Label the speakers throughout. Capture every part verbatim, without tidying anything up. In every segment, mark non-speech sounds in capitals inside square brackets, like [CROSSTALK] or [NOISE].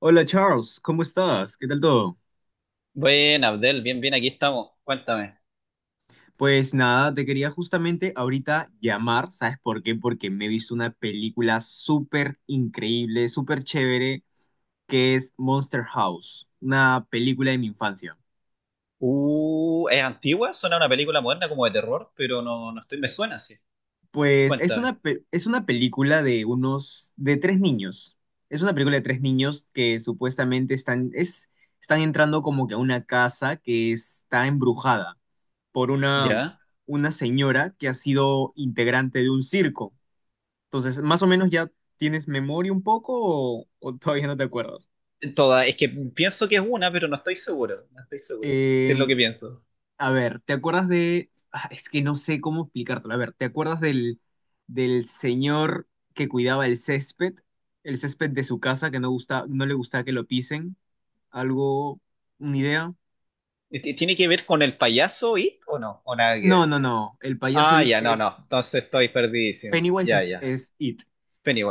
Speaker 1: Hola Charles, ¿cómo estás? ¿Qué tal todo?
Speaker 2: Bueno, Abdel, bien, bien, aquí estamos. Cuéntame.
Speaker 1: Pues nada, te quería justamente ahorita llamar, ¿sabes por qué? Porque me he visto una película súper increíble, súper chévere, que es Monster House, una película de mi infancia.
Speaker 2: Uh, ¿es antigua? Suena a una película moderna como de terror, pero no, no estoy, me suena así.
Speaker 1: Pues es
Speaker 2: Cuéntame.
Speaker 1: una, pe- es una película de unos, de tres niños. Es una película de tres niños que supuestamente están, es, están entrando como que a una casa que está embrujada por una,
Speaker 2: ¿Ya?
Speaker 1: una señora que ha sido integrante de un circo. Entonces, más o menos ya tienes memoria un poco o, o todavía no te acuerdas.
Speaker 2: Toda, es que pienso que es una, pero no estoy seguro. No estoy seguro. Si
Speaker 1: Eh,
Speaker 2: es lo que pienso.
Speaker 1: a ver, ¿te acuerdas de... Ah, es que no sé cómo explicártelo. A ver, ¿te acuerdas del, del señor que cuidaba el césped? El césped de su casa que no gusta, no le gustaba que lo pisen. ¿Algo? ¿Una idea?
Speaker 2: ¿Ti- ¿Tiene que ver con el payaso It o no? ¿O nada que
Speaker 1: No,
Speaker 2: ver?
Speaker 1: no, no. El payaso
Speaker 2: Ah,
Speaker 1: It
Speaker 2: ya, no,
Speaker 1: es...
Speaker 2: no. Entonces estoy perdidísimo.
Speaker 1: Pennywise
Speaker 2: Ya,
Speaker 1: es,
Speaker 2: ya.
Speaker 1: es It.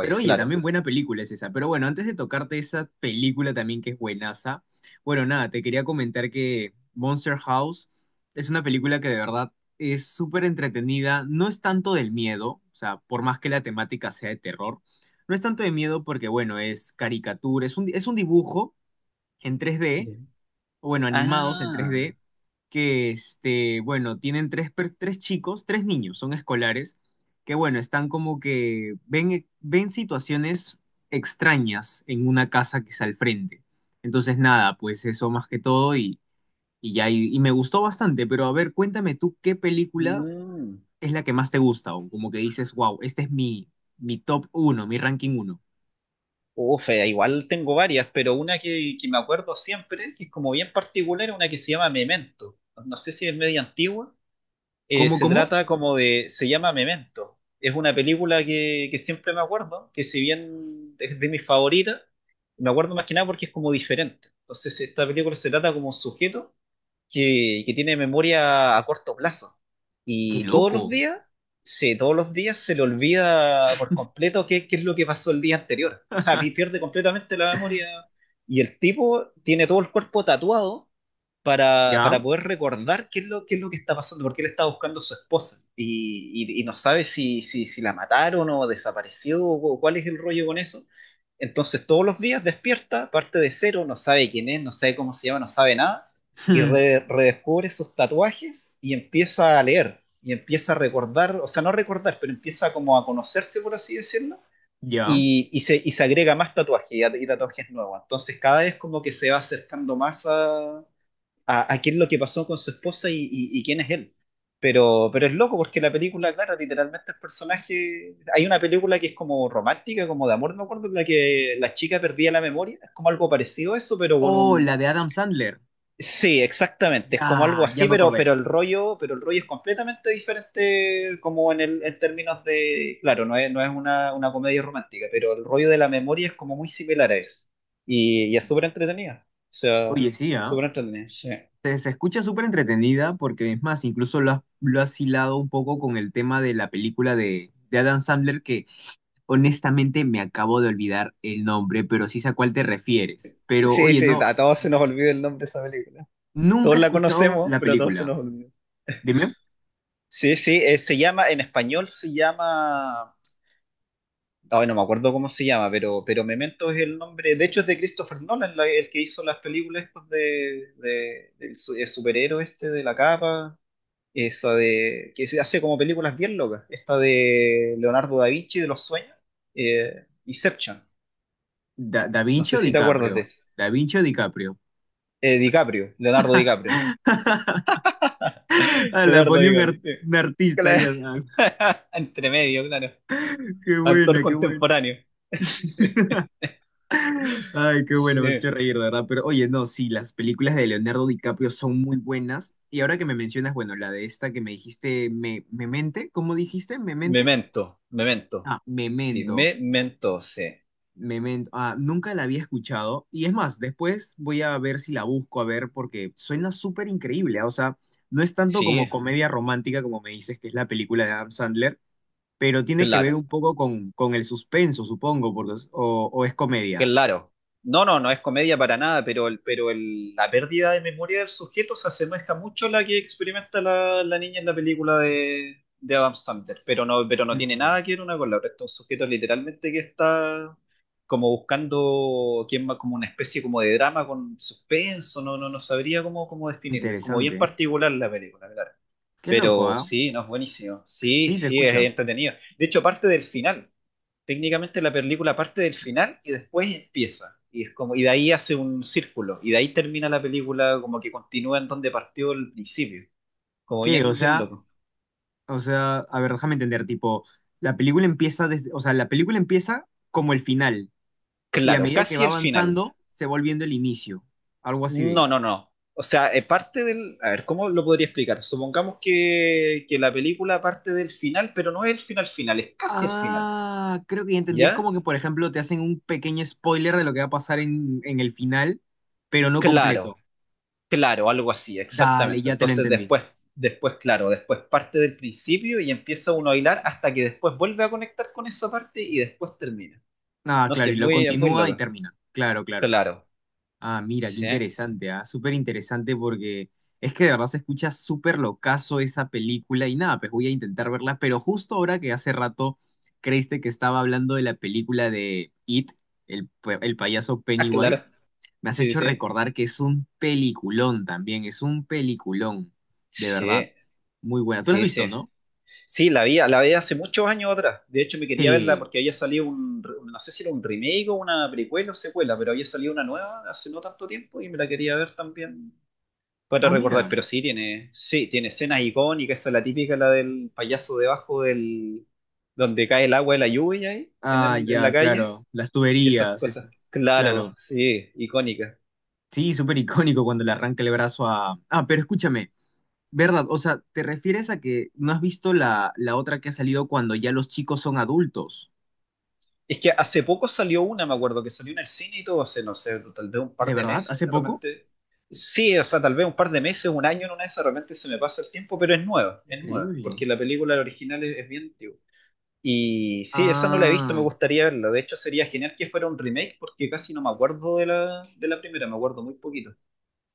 Speaker 1: Pero oye,
Speaker 2: claro.
Speaker 1: también buena película es esa. Pero bueno, antes de tocarte esa película también que es buenaza, bueno, nada, te quería comentar que Monster House es una película que de verdad es súper entretenida. No es tanto del miedo, o sea, por más que la temática sea de terror, no es tanto de miedo porque, bueno, es caricatura, es un, es un dibujo en tres D
Speaker 2: Ya.
Speaker 1: o bueno, animados en tres
Speaker 2: Ah.
Speaker 1: d que, este, bueno, tienen tres, per- tres chicos, tres niños, son escolares, que, bueno, están como que ven, e, ven situaciones extrañas en una casa que está al frente. Entonces, nada, pues eso más que todo y, y ya, y, y me gustó bastante, pero a ver, cuéntame tú, ¿qué película
Speaker 2: Mm.
Speaker 1: es la que más te gusta? O como que dices, wow, este es mi, mi top uno, mi ranking uno.
Speaker 2: Uf, eh, igual tengo varias, pero una que, que me acuerdo siempre, que es como bien particular, es una que se llama Memento. No sé si es media antigua. Eh,
Speaker 1: ¿Cómo,
Speaker 2: se
Speaker 1: cómo?
Speaker 2: trata como de, se llama Memento. Es una película que, que siempre me acuerdo, que si bien es de mis favoritas, me acuerdo más que nada porque es como diferente. Entonces, esta película se trata como un sujeto que, que tiene memoria a corto plazo.
Speaker 1: ¡Qué
Speaker 2: Y todos los
Speaker 1: loco!
Speaker 2: días, sí, todos los días se le olvida por completo qué, qué es lo que pasó el día anterior. O sea, pi-
Speaker 1: [LAUGHS]
Speaker 2: pierde completamente la memoria. Y el tipo tiene todo el cuerpo tatuado para,
Speaker 1: ¿Ya?
Speaker 2: para poder recordar qué es lo, qué es lo que está pasando, porque él está buscando a su esposa y, y- y no sabe si, si, si la mataron o desapareció o cuál es el rollo con eso. Entonces todos los días despierta, parte de cero, no sabe quién es, no sabe cómo se llama, no sabe nada y re-
Speaker 1: [LAUGHS]
Speaker 2: redescubre sus tatuajes y empieza a leer y empieza a recordar, o sea, no recordar, pero empieza como a conocerse, por así decirlo,
Speaker 1: Ya.
Speaker 2: y, y se, y se agrega más tatuajes y, a- y tatuajes nuevos. Entonces cada vez como que se va acercando más a, a, a qué es lo que pasó con su esposa y, y- y quién es él. Pero, pero es loco porque la película, claro, literalmente el personaje, hay una película que es como romántica, como de amor, no me acuerdo, en la que la chica perdía la memoria, es como algo parecido a eso, pero con
Speaker 1: Oh,
Speaker 2: un,
Speaker 1: la de Adam Sandler.
Speaker 2: sí, exactamente. Es como algo
Speaker 1: Ya, ya
Speaker 2: así,
Speaker 1: me
Speaker 2: pero,
Speaker 1: acordé.
Speaker 2: pero el rollo, pero el rollo es completamente diferente como en el, en términos de, claro, no es, no es una, una comedia romántica, pero el rollo de la memoria es como muy similar a eso. Y, y es súper entretenida. O sea,
Speaker 1: Oye, sí, ¿ah?
Speaker 2: súper entretenida. Sí.
Speaker 1: Se, se escucha súper entretenida porque es más, incluso lo has, lo has hilado un poco con el tema de la película de, de Adam Sandler que honestamente me acabo de olvidar el nombre, pero sí sé a cuál te refieres. Pero
Speaker 2: Sí,
Speaker 1: oye,
Speaker 2: sí,
Speaker 1: no,
Speaker 2: a todos se nos olvida el nombre de esa película.
Speaker 1: nunca
Speaker 2: Todos
Speaker 1: he
Speaker 2: la
Speaker 1: escuchado
Speaker 2: conocemos,
Speaker 1: la
Speaker 2: pero a todos se
Speaker 1: película.
Speaker 2: nos olvida.
Speaker 1: Dime,
Speaker 2: Sí, sí, eh, se llama, en español se llama ay, no me acuerdo cómo se llama, pero, pero Memento es el nombre. De hecho, es de Christopher Nolan, la- el que hizo las películas estas de, de- del su- el superhéroe este de la capa. Esa de que se hace como películas bien locas. Esta de Leonardo da Vinci de los sueños. eh, Inception.
Speaker 1: ¿Da, Da
Speaker 2: No
Speaker 1: Vinci
Speaker 2: sé
Speaker 1: o
Speaker 2: si te acuerdas
Speaker 1: DiCaprio?
Speaker 2: de esa.
Speaker 1: Da Vinci o DiCaprio.
Speaker 2: Eh, DiCaprio, Leonardo DiCaprio.
Speaker 1: [LAUGHS]
Speaker 2: [LAUGHS]
Speaker 1: Ah, la
Speaker 2: Leonardo
Speaker 1: ponía un, ar-
Speaker 2: DiCaprio. Sí.
Speaker 1: un artista ahí.
Speaker 2: Claro.
Speaker 1: ah, ah,
Speaker 2: [LAUGHS] Entre medio, claro.
Speaker 1: qué
Speaker 2: Actor
Speaker 1: buena, qué buena.
Speaker 2: contemporáneo.
Speaker 1: Ay, qué bueno, me has hecho
Speaker 2: Sí.
Speaker 1: reír, de verdad. Pero oye, no, sí, las películas de Leonardo DiCaprio son muy buenas. Y ahora que me mencionas, bueno, la de esta que me dijiste, me, Memente, ¿cómo dijiste? ¿Memente?
Speaker 2: Memento, Memento.
Speaker 1: Ah,
Speaker 2: Sí,
Speaker 1: Memento,
Speaker 2: Memento, sí.
Speaker 1: Memento. Ah, nunca la había escuchado. Y es más, después voy a ver si la busco, a ver, porque suena súper increíble. ah, O sea, no es tanto como
Speaker 2: Sí,
Speaker 1: comedia romántica como me dices, que es la película de Adam Sandler, pero tiene que ver
Speaker 2: claro,
Speaker 1: un poco con, con el suspenso, supongo, porque, es- o, o es comedia.
Speaker 2: claro. No, no, no es comedia para nada, pero, el, pero el- la pérdida de memoria del sujeto se asemeja mucho a la que experimenta la, la niña en la película de, de Adam Sandler, pero no, pero no tiene
Speaker 1: Mm,
Speaker 2: nada que ver una con la otra. Este es un sujeto literalmente que está como buscando quién más, como una especie como de drama con suspenso, no, no, no sabría cómo, cómo definirlo. Es como
Speaker 1: interesante.
Speaker 2: bien
Speaker 1: ¿Eh?
Speaker 2: particular la película, claro.
Speaker 1: Qué loco,
Speaker 2: Pero
Speaker 1: ¿ah?
Speaker 2: sí, no es buenísimo. Sí,
Speaker 1: Sí, se
Speaker 2: sí, es
Speaker 1: escucha.
Speaker 2: entretenido. De hecho, parte del final. Técnicamente la película parte del final y después empieza. Y es como, y de ahí hace un círculo. Y de ahí termina la película como que continúa en donde partió el principio. Como
Speaker 1: ¿Qué? O
Speaker 2: bien, bien
Speaker 1: sea,
Speaker 2: loco.
Speaker 1: o sea, a ver, déjame entender, tipo, la película empieza desde, o sea, la película empieza como el final, y a
Speaker 2: Claro,
Speaker 1: medida que
Speaker 2: casi
Speaker 1: va
Speaker 2: el final.
Speaker 1: avanzando, se va volviendo el inicio. Algo así de.
Speaker 2: No, no, no. O sea, eh, parte del. A ver, ¿cómo lo podría explicar? Supongamos que, que la película parte del final, pero no es el final final, es casi el final.
Speaker 1: Ah, creo que ya entendí. Es
Speaker 2: ¿Ya?
Speaker 1: como que, por ejemplo, te hacen un pequeño spoiler de lo que va a pasar en, en el final, pero no completo.
Speaker 2: Claro. Claro, algo así,
Speaker 1: Dale,
Speaker 2: exactamente.
Speaker 1: ya te lo
Speaker 2: Entonces
Speaker 1: entendí.
Speaker 2: después, después, claro, después parte del principio y empieza uno a hilar hasta que después vuelve a conectar con esa parte y después termina.
Speaker 1: Ah,
Speaker 2: No, sí,
Speaker 1: claro, y
Speaker 2: es
Speaker 1: lo
Speaker 2: muy, es muy
Speaker 1: continúa y
Speaker 2: loco.
Speaker 1: termina. Claro, claro.
Speaker 2: Claro.
Speaker 1: Ah, mira, qué
Speaker 2: Sí.
Speaker 1: interesante, ah, súper interesante porque es que de verdad se escucha súper locazo esa película y nada, pues voy a intentar verla, pero justo ahora que hace rato creíste que estaba hablando de la película de It, el, pa- el payaso
Speaker 2: Ah,
Speaker 1: Pennywise,
Speaker 2: claro.
Speaker 1: me has
Speaker 2: Sí,
Speaker 1: hecho
Speaker 2: sí.
Speaker 1: recordar que es un peliculón también, es un peliculón, de verdad,
Speaker 2: Sí,
Speaker 1: muy buena. ¿Tú la has
Speaker 2: sí,
Speaker 1: visto,
Speaker 2: sí.
Speaker 1: no?
Speaker 2: Sí, la vi, la vi hace muchos años atrás. De hecho, me quería verla
Speaker 1: Sí.
Speaker 2: porque había salido un, re- no sé si era un remake o una precuela o secuela, pero había salido una nueva hace no tanto tiempo y me la quería ver también para
Speaker 1: Ah,
Speaker 2: recordar,
Speaker 1: mira.
Speaker 2: pero sí tiene, sí, tiene escenas icónicas, esa es la típica, la del payaso debajo del, donde cae el agua de la lluvia ahí, en
Speaker 1: Ah,
Speaker 2: el- en la
Speaker 1: ya,
Speaker 2: calle,
Speaker 1: claro, las
Speaker 2: y esas
Speaker 1: tuberías,
Speaker 2: cosas.
Speaker 1: esta,
Speaker 2: Claro,
Speaker 1: claro.
Speaker 2: sí, icónicas.
Speaker 1: Sí, súper icónico cuando le arranca el brazo a... Ah, pero escúchame, verdad, o sea, ¿te refieres a que no has visto la, la otra que ha salido cuando ya los chicos son adultos?
Speaker 2: Es que hace poco salió una, me acuerdo, que salió en el cine y todo, hace, no sé, tal vez un
Speaker 1: ¿De
Speaker 2: par de
Speaker 1: verdad?
Speaker 2: meses,
Speaker 1: ¿Hace
Speaker 2: de
Speaker 1: poco?
Speaker 2: repente. Sí, o sea, tal vez un par de meses, un año en una de esas, de repente se me pasa el tiempo, pero es nueva, es nueva,
Speaker 1: Increíble.
Speaker 2: porque la película original es, es bien antigua. Y sí, esa no la he visto, me
Speaker 1: Ah,
Speaker 2: gustaría verla. De hecho, sería genial que fuera un remake porque casi no me acuerdo de la, de la primera, me acuerdo muy poquito.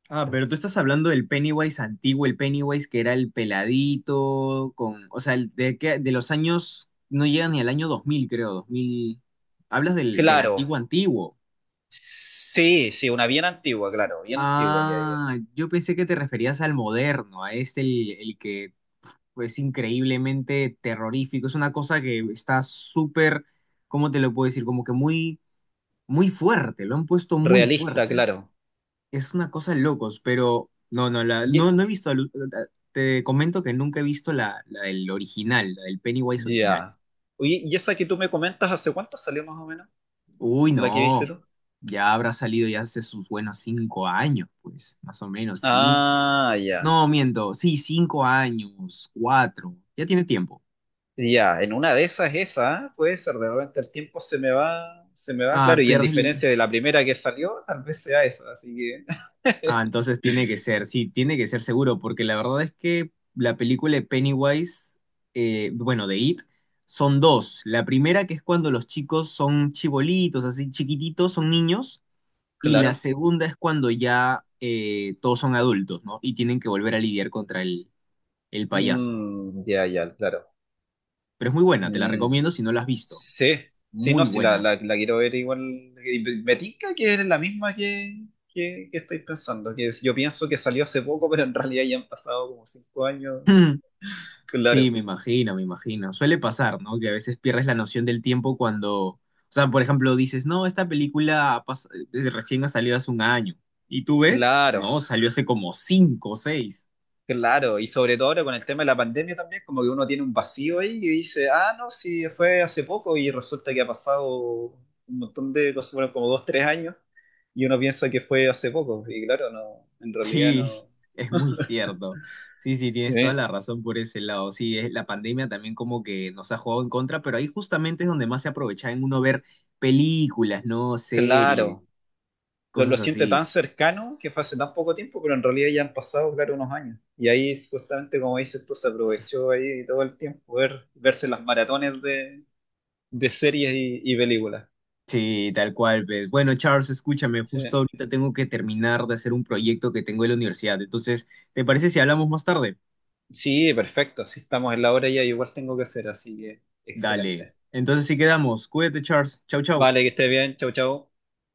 Speaker 1: ah, pero tú estás hablando del Pennywise antiguo, el Pennywise que era el peladito, con, o sea, el de, que, de los años, no llega ni al año dos mil, creo, dos mil. Hablas del, del
Speaker 2: Claro,
Speaker 1: antiguo antiguo.
Speaker 2: sí, sí, una bien antigua, claro, bien antigua que había.
Speaker 1: Ah, yo pensé que te referías al moderno, a este, el, el que pues increíblemente terrorífico. Es una cosa que está súper, ¿cómo te lo puedo decir? Como que muy, muy fuerte, lo han puesto muy
Speaker 2: Realista,
Speaker 1: fuerte.
Speaker 2: claro.
Speaker 1: Es una cosa de locos, pero no, no, la, no,
Speaker 2: Ye-
Speaker 1: no he visto, al- te comento que nunca he visto la, la del original, la del Pennywise original.
Speaker 2: Ya. Oye, ¿y esa que tú me comentas hace cuánto salió más o menos?
Speaker 1: Uy,
Speaker 2: ¿La que
Speaker 1: no,
Speaker 2: viste tú?
Speaker 1: ya habrá salido ya hace sus buenos cinco años, pues, más o menos, cinco.
Speaker 2: Ah, ya.
Speaker 1: No, miento, sí, cinco años, cuatro, ya tiene tiempo.
Speaker 2: Ya, en una de esas esa, ¿ah? Puede ser, de repente el tiempo se me va, se me va,
Speaker 1: Ah,
Speaker 2: claro, y en
Speaker 1: pierdes.
Speaker 2: diferencia de la primera que salió, tal vez sea esa, así que,
Speaker 1: Ah,
Speaker 2: [LAUGHS]
Speaker 1: entonces tiene que ser, sí, tiene que ser seguro, porque la verdad es que la película de Pennywise, eh, bueno, de It, son dos. La primera que es cuando los chicos son chibolitos, así chiquititos, son niños, y la
Speaker 2: claro.
Speaker 1: segunda es cuando ya eh, todos son adultos, ¿no? Y tienen que volver a lidiar contra el, el payaso.
Speaker 2: Mm, ya, ya, claro.
Speaker 1: Pero es muy buena, te la
Speaker 2: Mm,
Speaker 1: recomiendo si no la has visto.
Speaker 2: sí, sí,
Speaker 1: Muy
Speaker 2: no, sí, la,
Speaker 1: buena.
Speaker 2: la, la quiero ver igual. Y me tinca que es la misma que, que, que estoy pensando, que es- yo pienso que salió hace poco, pero en realidad ya han pasado como cinco
Speaker 1: [CLEARS THROAT]
Speaker 2: años.
Speaker 1: [LAUGHS] Sí,
Speaker 2: Claro,
Speaker 1: me imagino, me imagino. Suele pasar, ¿no? Que a veces pierdes la noción del tiempo cuando, o sea, por ejemplo, dices, no, esta película ha pas- eh, recién ha salido hace un año. ¿Y tú ves?
Speaker 2: claro,
Speaker 1: No, salió hace como cinco o seis. [LAUGHS]
Speaker 2: claro. Y sobre todo ahora con el tema de la pandemia también, como que uno tiene un vacío ahí y dice, ah, no, sí, fue hace poco y resulta que ha pasado un montón de cosas, bueno, como dos, tres años, y uno piensa que fue hace poco, y claro, no, en realidad
Speaker 1: Sí,
Speaker 2: no.
Speaker 1: es muy cierto. Sí, sí, tienes toda
Speaker 2: Sí.
Speaker 1: la razón por ese lado. Sí, es- la pandemia también como que nos ha jugado en contra, pero ahí justamente es donde más se aprovecha en uno ver películas, ¿no? Series,
Speaker 2: Claro, lo, lo
Speaker 1: cosas
Speaker 2: siente
Speaker 1: así.
Speaker 2: tan cercano que fue hace tan poco tiempo, pero en realidad ya han pasado, claro, unos años. Y ahí, justamente como dices, esto se aprovechó ahí todo el tiempo, ver, verse las maratones de, de series y, y películas.
Speaker 1: Sí, tal cual, pues. Bueno, Charles, escúchame,
Speaker 2: Sí.
Speaker 1: justo ahorita tengo que terminar de hacer un proyecto que tengo en la universidad. Entonces, ¿te parece si hablamos más tarde?
Speaker 2: Sí, perfecto, si estamos en la hora ya, igual tengo que hacer, así que
Speaker 1: Dale.
Speaker 2: excelente.
Speaker 1: Entonces sí quedamos. Cuídate, Charles. Chau, chau.
Speaker 2: Vale, que estés bien, chau, chau.